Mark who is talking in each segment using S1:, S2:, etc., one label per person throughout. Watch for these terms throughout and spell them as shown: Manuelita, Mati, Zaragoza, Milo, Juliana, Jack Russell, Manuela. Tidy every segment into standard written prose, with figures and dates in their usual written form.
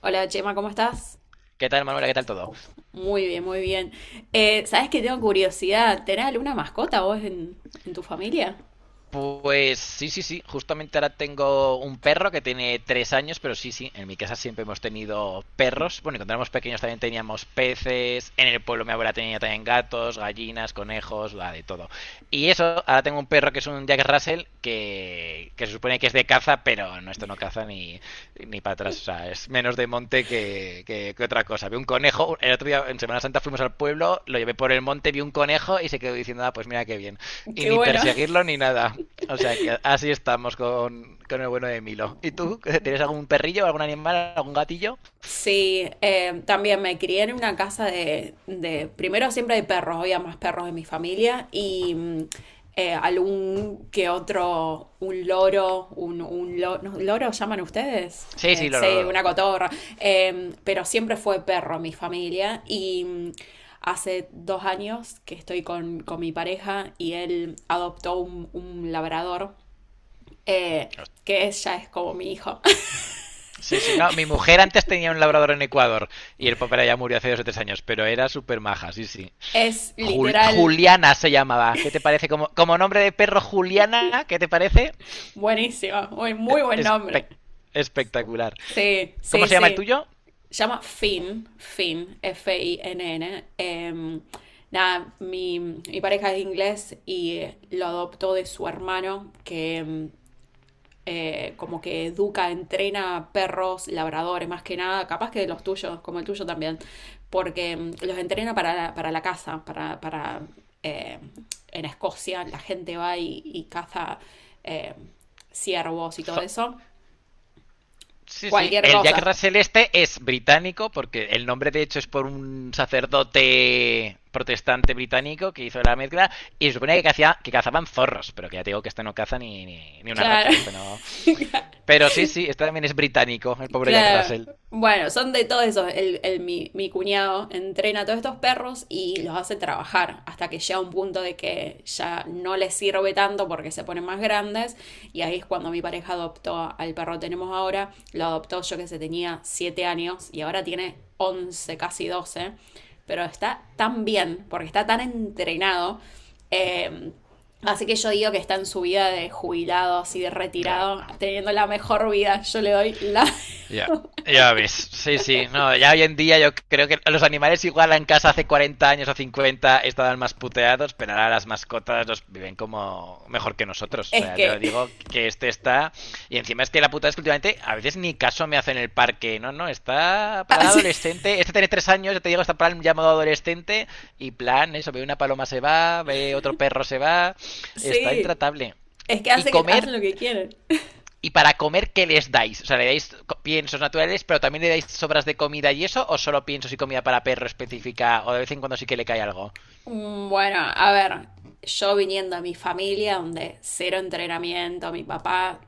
S1: Hola Chema, ¿cómo estás?
S2: ¿Qué tal, Manuela? ¿Qué tal todo?
S1: Muy bien, muy bien. ¿Sabes que tengo curiosidad? ¿Tenés alguna mascota vos en tu familia?
S2: Pues sí, sí, sí. Justamente ahora tengo un perro que tiene 3 años, pero sí, sí. En mi casa siempre hemos tenido perros. Bueno, y cuando éramos pequeños también teníamos peces. En el pueblo mi abuela tenía también gatos, gallinas, conejos, la de todo. Y eso, ahora tengo un perro que es un Jack Russell que se supone que es de caza, pero no, esto no caza ni para atrás. O sea, es menos de monte que otra cosa. Vi un conejo. El otro día en Semana Santa fuimos al pueblo, lo llevé por el monte, vi un conejo y se quedó diciendo, ah, pues mira qué bien. Y
S1: Qué
S2: ni
S1: bueno.
S2: perseguirlo ni nada. O sea que así estamos con el bueno de Milo. ¿Y tú? ¿Tienes algún perrillo, algún animal, algún gatillo?
S1: Sí, también me crié en una casa de. Primero siempre hay perros, había más perros en mi familia y algún que otro, un loro, un lo- ¿no? loro, ¿llaman ustedes?
S2: Sí, sí, loro,
S1: Sí,
S2: loro.
S1: una cotorra. Pero siempre fue perro mi familia y hace 2 años que estoy con mi pareja y él adoptó un labrador, eh, ya es como mi hijo.
S2: Sí, sí, no. Mi mujer antes tenía un labrador en Ecuador y el papá ya murió hace 2 o 3 años, pero era súper maja, sí, sí.
S1: Es literal.
S2: Juliana se llamaba. ¿Qué te parece? Como, como nombre de perro Juliana, ¿qué te parece?
S1: Buenísimo, muy,
S2: Eh,
S1: muy buen nombre.
S2: espe- Espectacular.
S1: Sí,
S2: ¿Cómo
S1: sí,
S2: se llama el
S1: sí.
S2: tuyo?
S1: Se llama Finn, Finn, Finn. Nada, mi pareja es inglés y lo adoptó de su hermano, que como que educa, entrena perros, labradores, más que nada, capaz que de los tuyos, como el tuyo también, porque los entrena para para la caza, para eh, en Escocia la gente va y caza, eh, ciervos y todo
S2: Zo-
S1: eso.
S2: Sí, sí.
S1: Cualquier
S2: El Jack
S1: cosa.
S2: Russell este es británico, porque el nombre de hecho es por un sacerdote protestante británico que hizo la mezcla. Y se supone que, hacía, que cazaban zorros, pero que ya te digo que este no caza ni una rata.
S1: Claro.
S2: O sea, este no. Pero sí, sí, este también es británico, el pobre Jack
S1: Claro.
S2: Russell.
S1: Bueno, son de todos esos. Mi cuñado entrena a todos estos perros y los hace trabajar hasta que llega un punto de que ya no les sirve tanto porque se ponen más grandes. Y ahí es cuando mi pareja adoptó al perro que tenemos ahora. Lo adoptó yo que se tenía 7 años y ahora tiene 11, casi 12. Pero está tan bien porque está tan entrenado. eh, Así que yo digo que está en su vida de jubilado, así de retirado,
S2: Ah.
S1: teniendo la mejor vida. Yo le doy la...
S2: Ya, ya ves. Sí, sí. No, ya hoy en día yo creo que los animales igual en casa hace 40 años o 50 estaban más puteados, pero ahora las mascotas los viven como mejor que nosotros. O
S1: Es
S2: sea, te lo
S1: que
S2: digo que este está... Y encima es que la puta es que últimamente a veces ni caso me hace en el parque. No, no, está plan
S1: hace-
S2: adolescente. Este tiene 3 años, ya te digo, está plan ya modo adolescente. Y plan, eso, ve una paloma se va, ve otro perro se va. Está
S1: sí,
S2: intratable.
S1: es que
S2: Y comer
S1: hacen lo que quieren.
S2: ¿y para comer qué les dais? O sea, ¿le dais piensos naturales, pero también le dais sobras de comida y eso? ¿O solo piensos y comida para perro específica? ¿O de vez en cuando sí que le cae algo?
S1: Bueno, a ver, yo viniendo a mi familia, donde cero entrenamiento,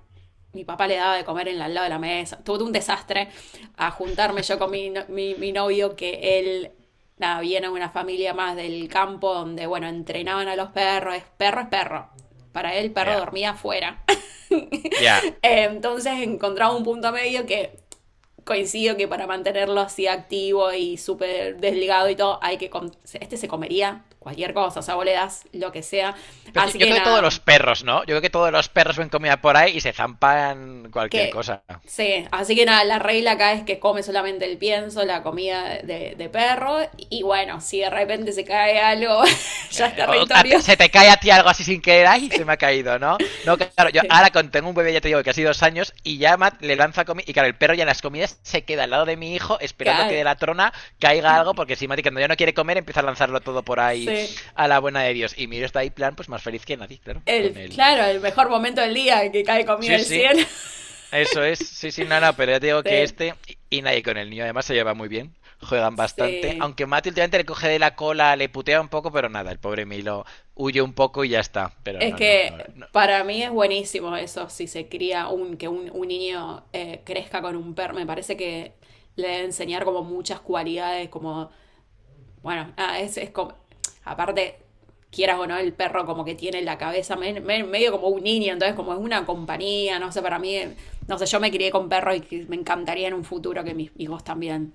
S1: mi papá le daba de comer en al lado de la mesa, tuve un desastre a juntarme yo con mi, no- mi novio, que él, nada, viene de una familia más del campo, donde, bueno, entrenaban a los perros, es perro es perro. Para él,
S2: Ya,
S1: perro
S2: yeah.
S1: dormía afuera.
S2: Ya. Yeah.
S1: Entonces encontraba un punto medio que coincido que para mantenerlo así activo y súper desligado y todo, hay que... Este se comería cualquier cosa, o sea, vos le das lo que sea.
S2: Pero es
S1: Así
S2: que yo
S1: que
S2: creo que todos los
S1: nada,
S2: perros, ¿no? Yo creo que todos los perros ven comida por ahí y se zampan cualquier
S1: que...
S2: cosa.
S1: Sí, así que nada, la regla acá es que come solamente el pienso, la comida de perro, y bueno, si de repente se cae algo, ya es territorio.
S2: Se te cae a ti algo así sin querer, ay, se me ha caído, ¿no? No, claro, yo
S1: Sí,
S2: ahora tengo un bebé, ya te digo, que hace 2 años, y ya le lanza comida, y claro, el perro ya en las comidas se queda al lado de mi hijo esperando que
S1: claro,
S2: de la trona caiga algo, porque si Mati cuando ya no quiere comer empieza a lanzarlo todo por ahí
S1: sí.
S2: a la buena de Dios. Y miro está ahí, plan, pues más feliz que nadie, claro, con
S1: El,
S2: él.
S1: claro, el mejor momento del día que cae comida
S2: Sí,
S1: del
S2: sí.
S1: cielo.
S2: Eso es, sí, sí, no, no, pero ya te digo que
S1: Sí,
S2: este y nadie con el niño además se lleva muy bien, juegan bastante,
S1: sí.
S2: aunque Mati últimamente le coge de la cola, le putea un poco, pero nada, el pobre Milo huye un poco y ya está, pero
S1: Es
S2: no, no,
S1: que
S2: no, no,
S1: para mí es buenísimo eso, si se cría un niño, crezca con un perro. Me parece que le debe enseñar como muchas cualidades, como, bueno, nada, es como, aparte, quieras o no, el perro como que tiene la cabeza medio como un niño, entonces como es una compañía, no sé, para mí, no sé, yo me crié con perros y que me encantaría en un futuro que mis hijos también.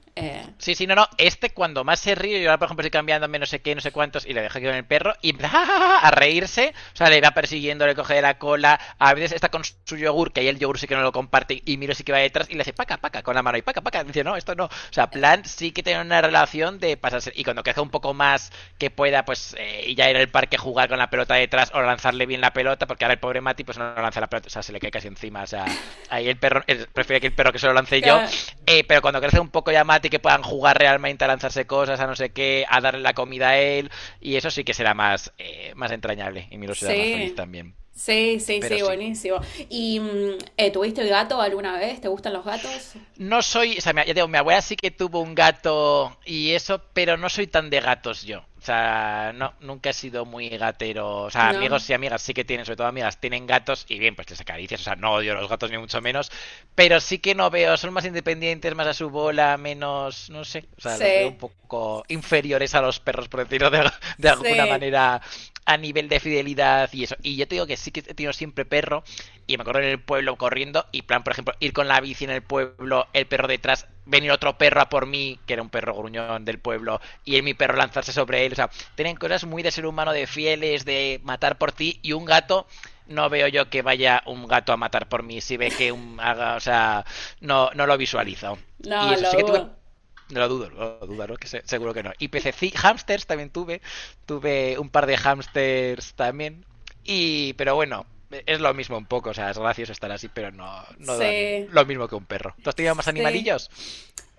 S2: sí, sí, no, no. Este cuando más se ríe, yo ahora por ejemplo estoy cambiándome no sé qué, no sé cuántos, y le dejo aquí con el perro, y empieza "Ja, ja, ja", a reírse. O sea, le va persiguiendo, le coge de la cola. A veces está con su yogur, que ahí el yogur sí que no lo comparte, y miro sí que va detrás, y le hace paca, paca, con la mano, y paca, paca. Y dice, no, esto no. O sea, plan sí que tiene una relación de pasarse. Y cuando crezca un poco más que pueda, pues ya ir al parque a jugar con la pelota detrás o lanzarle bien la pelota, porque ahora el pobre Mati pues no lanza la pelota, o sea, se le cae casi encima. O sea, ahí el perro, prefiere que el perro que se lo lance yo,
S1: eh,
S2: pero cuando crecen un poco ya Mati, que puedan jugar realmente a lanzarse cosas, a no sé qué, a darle la comida a él, y eso sí que será más, más entrañable y Milo será más feliz
S1: Sí,
S2: también.
S1: sí, sí,
S2: Pero
S1: sí,
S2: sí,
S1: buenísimo. ¿Y tuviste el gato alguna vez? ¿Te gustan los gatos?
S2: no soy, o sea, ya digo, mi abuela sí que tuvo un gato y eso, pero no soy tan de gatos yo. O sea, no, nunca he sido muy gatero. O sea,
S1: No.
S2: amigos y amigas sí que tienen, sobre todo amigas, tienen gatos y bien, pues les acaricias. O sea, no odio los gatos ni mucho menos, pero sí que no veo, son más independientes, más a su bola, menos, no sé, o sea, los veo un
S1: Sí,
S2: poco inferiores a los perros, por decirlo de alguna
S1: sí.
S2: manera, a nivel de fidelidad y eso. Y yo te digo que sí que he tenido siempre perro, y me acuerdo en el pueblo corriendo y plan, por ejemplo, ir con la bici en el pueblo, el perro detrás, venir otro perro a por mí, que era un perro gruñón del pueblo, y él, mi perro lanzarse sobre él. O sea, tienen cosas muy de ser humano, de fieles, de matar por ti, y un gato, no veo yo que vaya un gato a matar por mí si ve que un haga, o sea, no, no lo visualizo. Y
S1: No,
S2: eso,
S1: lo
S2: sí que tuve
S1: dudo.
S2: no lo dudo, no lo dudo, ¿no? Seguro que no. Y pececi, hamsters también tuve. Tuve un par de hamsters también. Y, pero bueno, es lo mismo un poco. O sea, es gracioso estar así, pero no, no dan
S1: Sí,
S2: lo mismo que un perro. ¿Tú has tenido más
S1: sí.
S2: animalillos?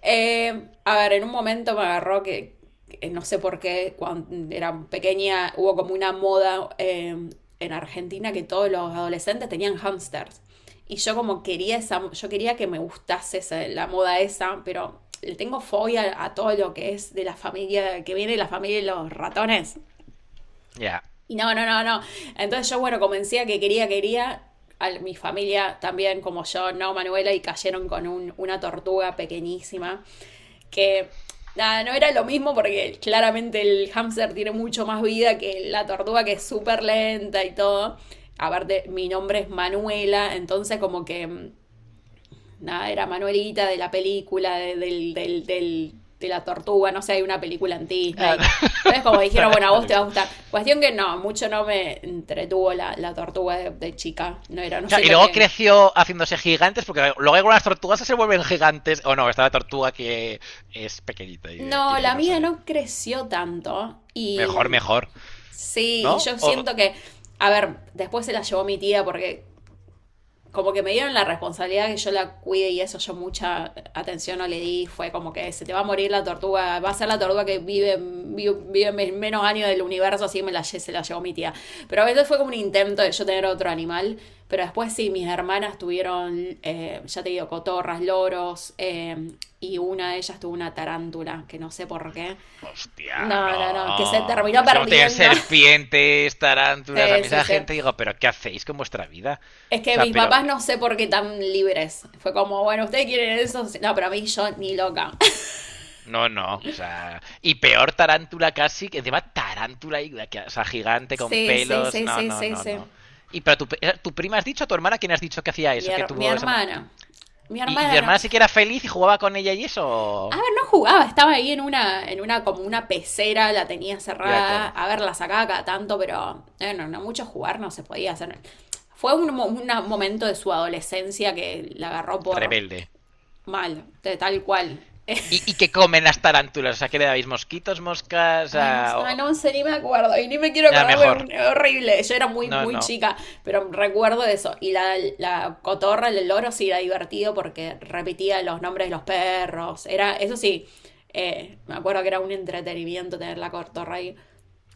S1: A ver, en un momento me agarró que no sé por qué, cuando era pequeña, hubo como una moda, en Argentina que todos los adolescentes tenían hamsters. Y yo como quería esa, yo quería que me gustase la moda esa, pero le tengo fobia a todo lo que es de la familia, que viene de la familia de los ratones.
S2: Ya.
S1: Y no, no, no, no. Entonces yo, bueno, convencía que quería, quería. Mi familia también, como yo, no, Manuela, y cayeron con una tortuga pequeñísima que, nada, no era lo mismo porque claramente el hámster tiene mucho más vida que la tortuga que es súper lenta y todo. Aparte, mi nombre es Manuela, entonces como que nada, era Manuelita de la película, de, del, del, del- de la tortuga, no sé, hay una película en
S2: Ah,
S1: Disney. Entonces como
S2: no,
S1: dijeron,
S2: no,
S1: bueno, a
S2: no lo
S1: vos
S2: he
S1: te va a
S2: visto.
S1: gustar. Cuestión que no, mucho no me entretuvo la tortuga de chica, no era, no
S2: Claro, y
S1: siento
S2: luego
S1: que...
S2: creció haciéndose gigantes, porque luego algunas tortugas se vuelven gigantes. O oh, no, está la tortuga que es pequeñita y
S1: No,
S2: de ahí
S1: la
S2: no
S1: mía
S2: salen.
S1: no creció tanto y...
S2: Mejor, mejor.
S1: Sí, y
S2: ¿No?
S1: yo
S2: O,
S1: siento que, a ver, después se la llevó mi tía porque como que me dieron la responsabilidad que yo la cuide y eso yo mucha atención no le di, fue como que se te va a morir la tortuga, va a ser la tortuga que vive, vive, vive menos años del universo, así me se la llevó mi tía. Pero a veces fue como un intento de yo tener otro animal, pero después sí, mis hermanas tuvieron, ya te digo, cotorras, loros, y una de ellas tuvo una tarántula, que no sé por qué.
S2: hostia,
S1: No, no, no, que se
S2: no.
S1: terminó
S2: Es como tener
S1: perdiendo.
S2: serpientes, tarántulas. A
S1: Sí,
S2: mí
S1: sí,
S2: esa
S1: sí.
S2: gente digo, pero ¿qué hacéis con vuestra vida?
S1: Es
S2: O
S1: que
S2: sea,
S1: mis
S2: pero...
S1: papás no sé por qué tan libres. Fue como, bueno, ¿ustedes quieren eso? Sí. No, pero a mí yo ni loca.
S2: No, no. O sea, y peor tarántula casi, que encima tarántula, o sea, gigante con
S1: Sí, sí,
S2: pelos.
S1: sí,
S2: No,
S1: sí,
S2: no,
S1: sí,
S2: no,
S1: sí.
S2: no. Y pero tu prima has dicho, tu hermana, ¿quién has dicho que hacía eso? Que
S1: Mi
S2: tuvo esa...
S1: hermana. Mi
S2: ¿Y, y tu
S1: hermana no.
S2: hermana sí que era feliz y jugaba con ella y
S1: A ver,
S2: eso?
S1: no jugaba, estaba ahí en una, como una pecera, la tenía
S2: Ya,
S1: cerrada.
S2: claro.
S1: A ver, la sacaba cada tanto, pero no, no mucho jugar no se podía hacer. Fue un, momento de su adolescencia que la agarró por
S2: Rebelde.
S1: mal, de tal cual.
S2: Y qué comen las tarántulas? O sea, ¿qué le dabais? ¿Mosquitos, moscas?
S1: Ay, no sé, ni me acuerdo. Y ni me quiero
S2: Ya,
S1: acordar, pero
S2: mejor.
S1: es horrible. Yo era muy,
S2: No,
S1: muy
S2: no.
S1: chica, pero recuerdo eso. Y la cotorra, el loro, sí era divertido porque repetía los nombres de los perros. Era, eso sí, me acuerdo que era un entretenimiento tener la cotorra ahí.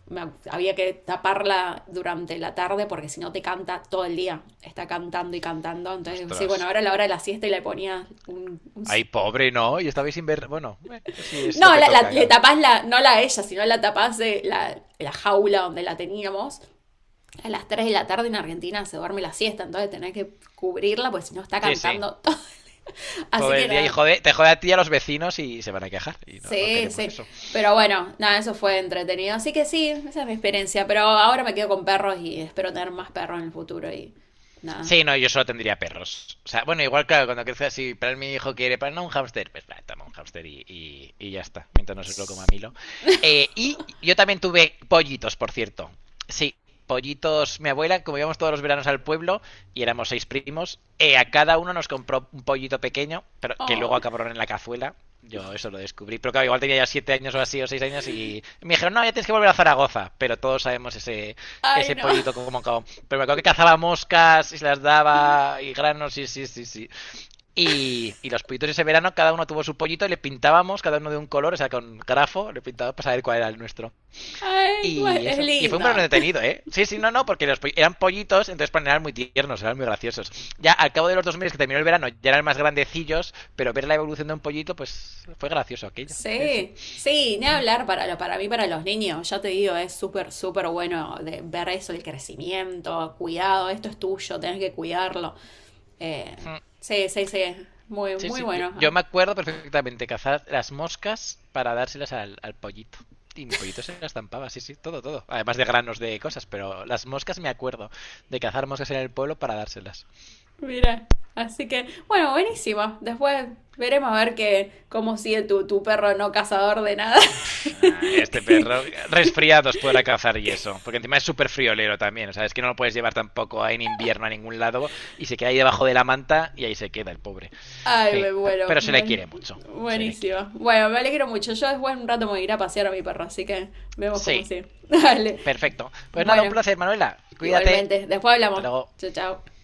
S1: Había que taparla durante la tarde porque si no te canta todo el día. Está cantando y cantando. Entonces, sí, bueno,
S2: Ostras.
S1: ahora a la hora de la siesta y le ponía un...
S2: Ay, pobre, ¿no? Y estabais sin ver... Bueno, sí, es lo
S1: No,
S2: que toca,
S1: le
S2: claro.
S1: tapás la, no la ella, sino la tapás de la jaula donde la teníamos. A las 3 de la tarde en Argentina se duerme la siesta, entonces tenés que cubrirla, porque si no está
S2: Sí, sí.
S1: cantando todo. Así
S2: Todo
S1: que
S2: el día y
S1: nada,
S2: jode, te jode a ti y a los vecinos y se van a quejar. Y no, no
S1: sí,
S2: queremos
S1: sí.
S2: eso.
S1: Pero bueno, nada, eso fue entretenido. Así que sí, esa es mi experiencia. Pero ahora me quedo con perros y espero tener más perros en el futuro y nada.
S2: Sí, no, yo solo tendría perros. O sea, bueno, igual, claro, cuando crezca si para él mi hijo quiere, para no un hámster, pues para, toma un hámster y y ya está, mientras no se lo coma
S1: Tss.
S2: Milo. Y yo también tuve pollitos, por cierto. Sí, pollitos. Mi abuela, como íbamos todos los veranos al pueblo y éramos 6 primos, a cada uno nos compró un pollito pequeño, pero que
S1: Oh,
S2: luego acabaron en la cazuela. Yo eso lo descubrí, pero claro, igual tenía ya 7 años o así, o 6 años, y me dijeron, no, ya tienes que volver a Zaragoza, pero todos sabemos ese,
S1: ay,
S2: ese
S1: no.
S2: pollito como cabo. Pero me acuerdo que cazaba moscas y se las daba y granos, sí, sí, sí, sí. Y los pollitos ese verano, cada uno tuvo su pollito y le pintábamos cada uno de un color, o sea, con grafo, le pintábamos para saber cuál era el nuestro.
S1: Ay,
S2: Y
S1: es
S2: eso. Y fue un verano
S1: lindo.
S2: detenido, ¿eh? Sí, sí, no, no, porque los eran pollitos, entonces pues, eran muy tiernos, eran muy graciosos. Ya al cabo de los 2 meses que terminó el verano, ya eran más grandecillos, pero ver la evolución de un pollito, pues fue gracioso aquello. Sí, sí.
S1: Sí, sí, ni
S2: Mm,
S1: hablar para, para mí, para los niños, ya te digo, es súper, súper bueno de ver eso, el crecimiento, cuidado, esto es tuyo, tenés que cuidarlo. Eh,
S2: mm.
S1: sí, sí, sí, muy,
S2: Sí,
S1: muy
S2: sí.
S1: bueno.
S2: Yo
S1: Ah,
S2: me acuerdo perfectamente cazar las moscas para dárselas al pollito. Y mi pollito se las estampaba, sí, sí, todo, todo. Además de granos de cosas, pero las moscas me acuerdo de cazar moscas en el pueblo para dárselas.
S1: mira, así que, bueno, buenísimo. Después veremos a ver que, cómo sigue tu perro no cazador de nada.
S2: Ah, este perro, resfriados podrá cazar y eso. Porque encima es súper friolero también. O sea, es que no lo puedes llevar tampoco en invierno a ningún lado y se queda ahí debajo de la manta y ahí se queda el pobre.
S1: Ay,
S2: Sí,
S1: me muero,
S2: pero se le
S1: bueno,
S2: quiere mucho. Se le quiere.
S1: buenísimo. Bueno, me alegro mucho. Yo después en un rato me voy a ir a pasear a mi perro, así que vemos cómo
S2: Sí,
S1: sigue. Dale.
S2: perfecto. Pues nada, un
S1: Bueno,
S2: placer, Manuela. Cuídate.
S1: igualmente, después
S2: Hasta
S1: hablamos.
S2: luego.
S1: Chao, chao.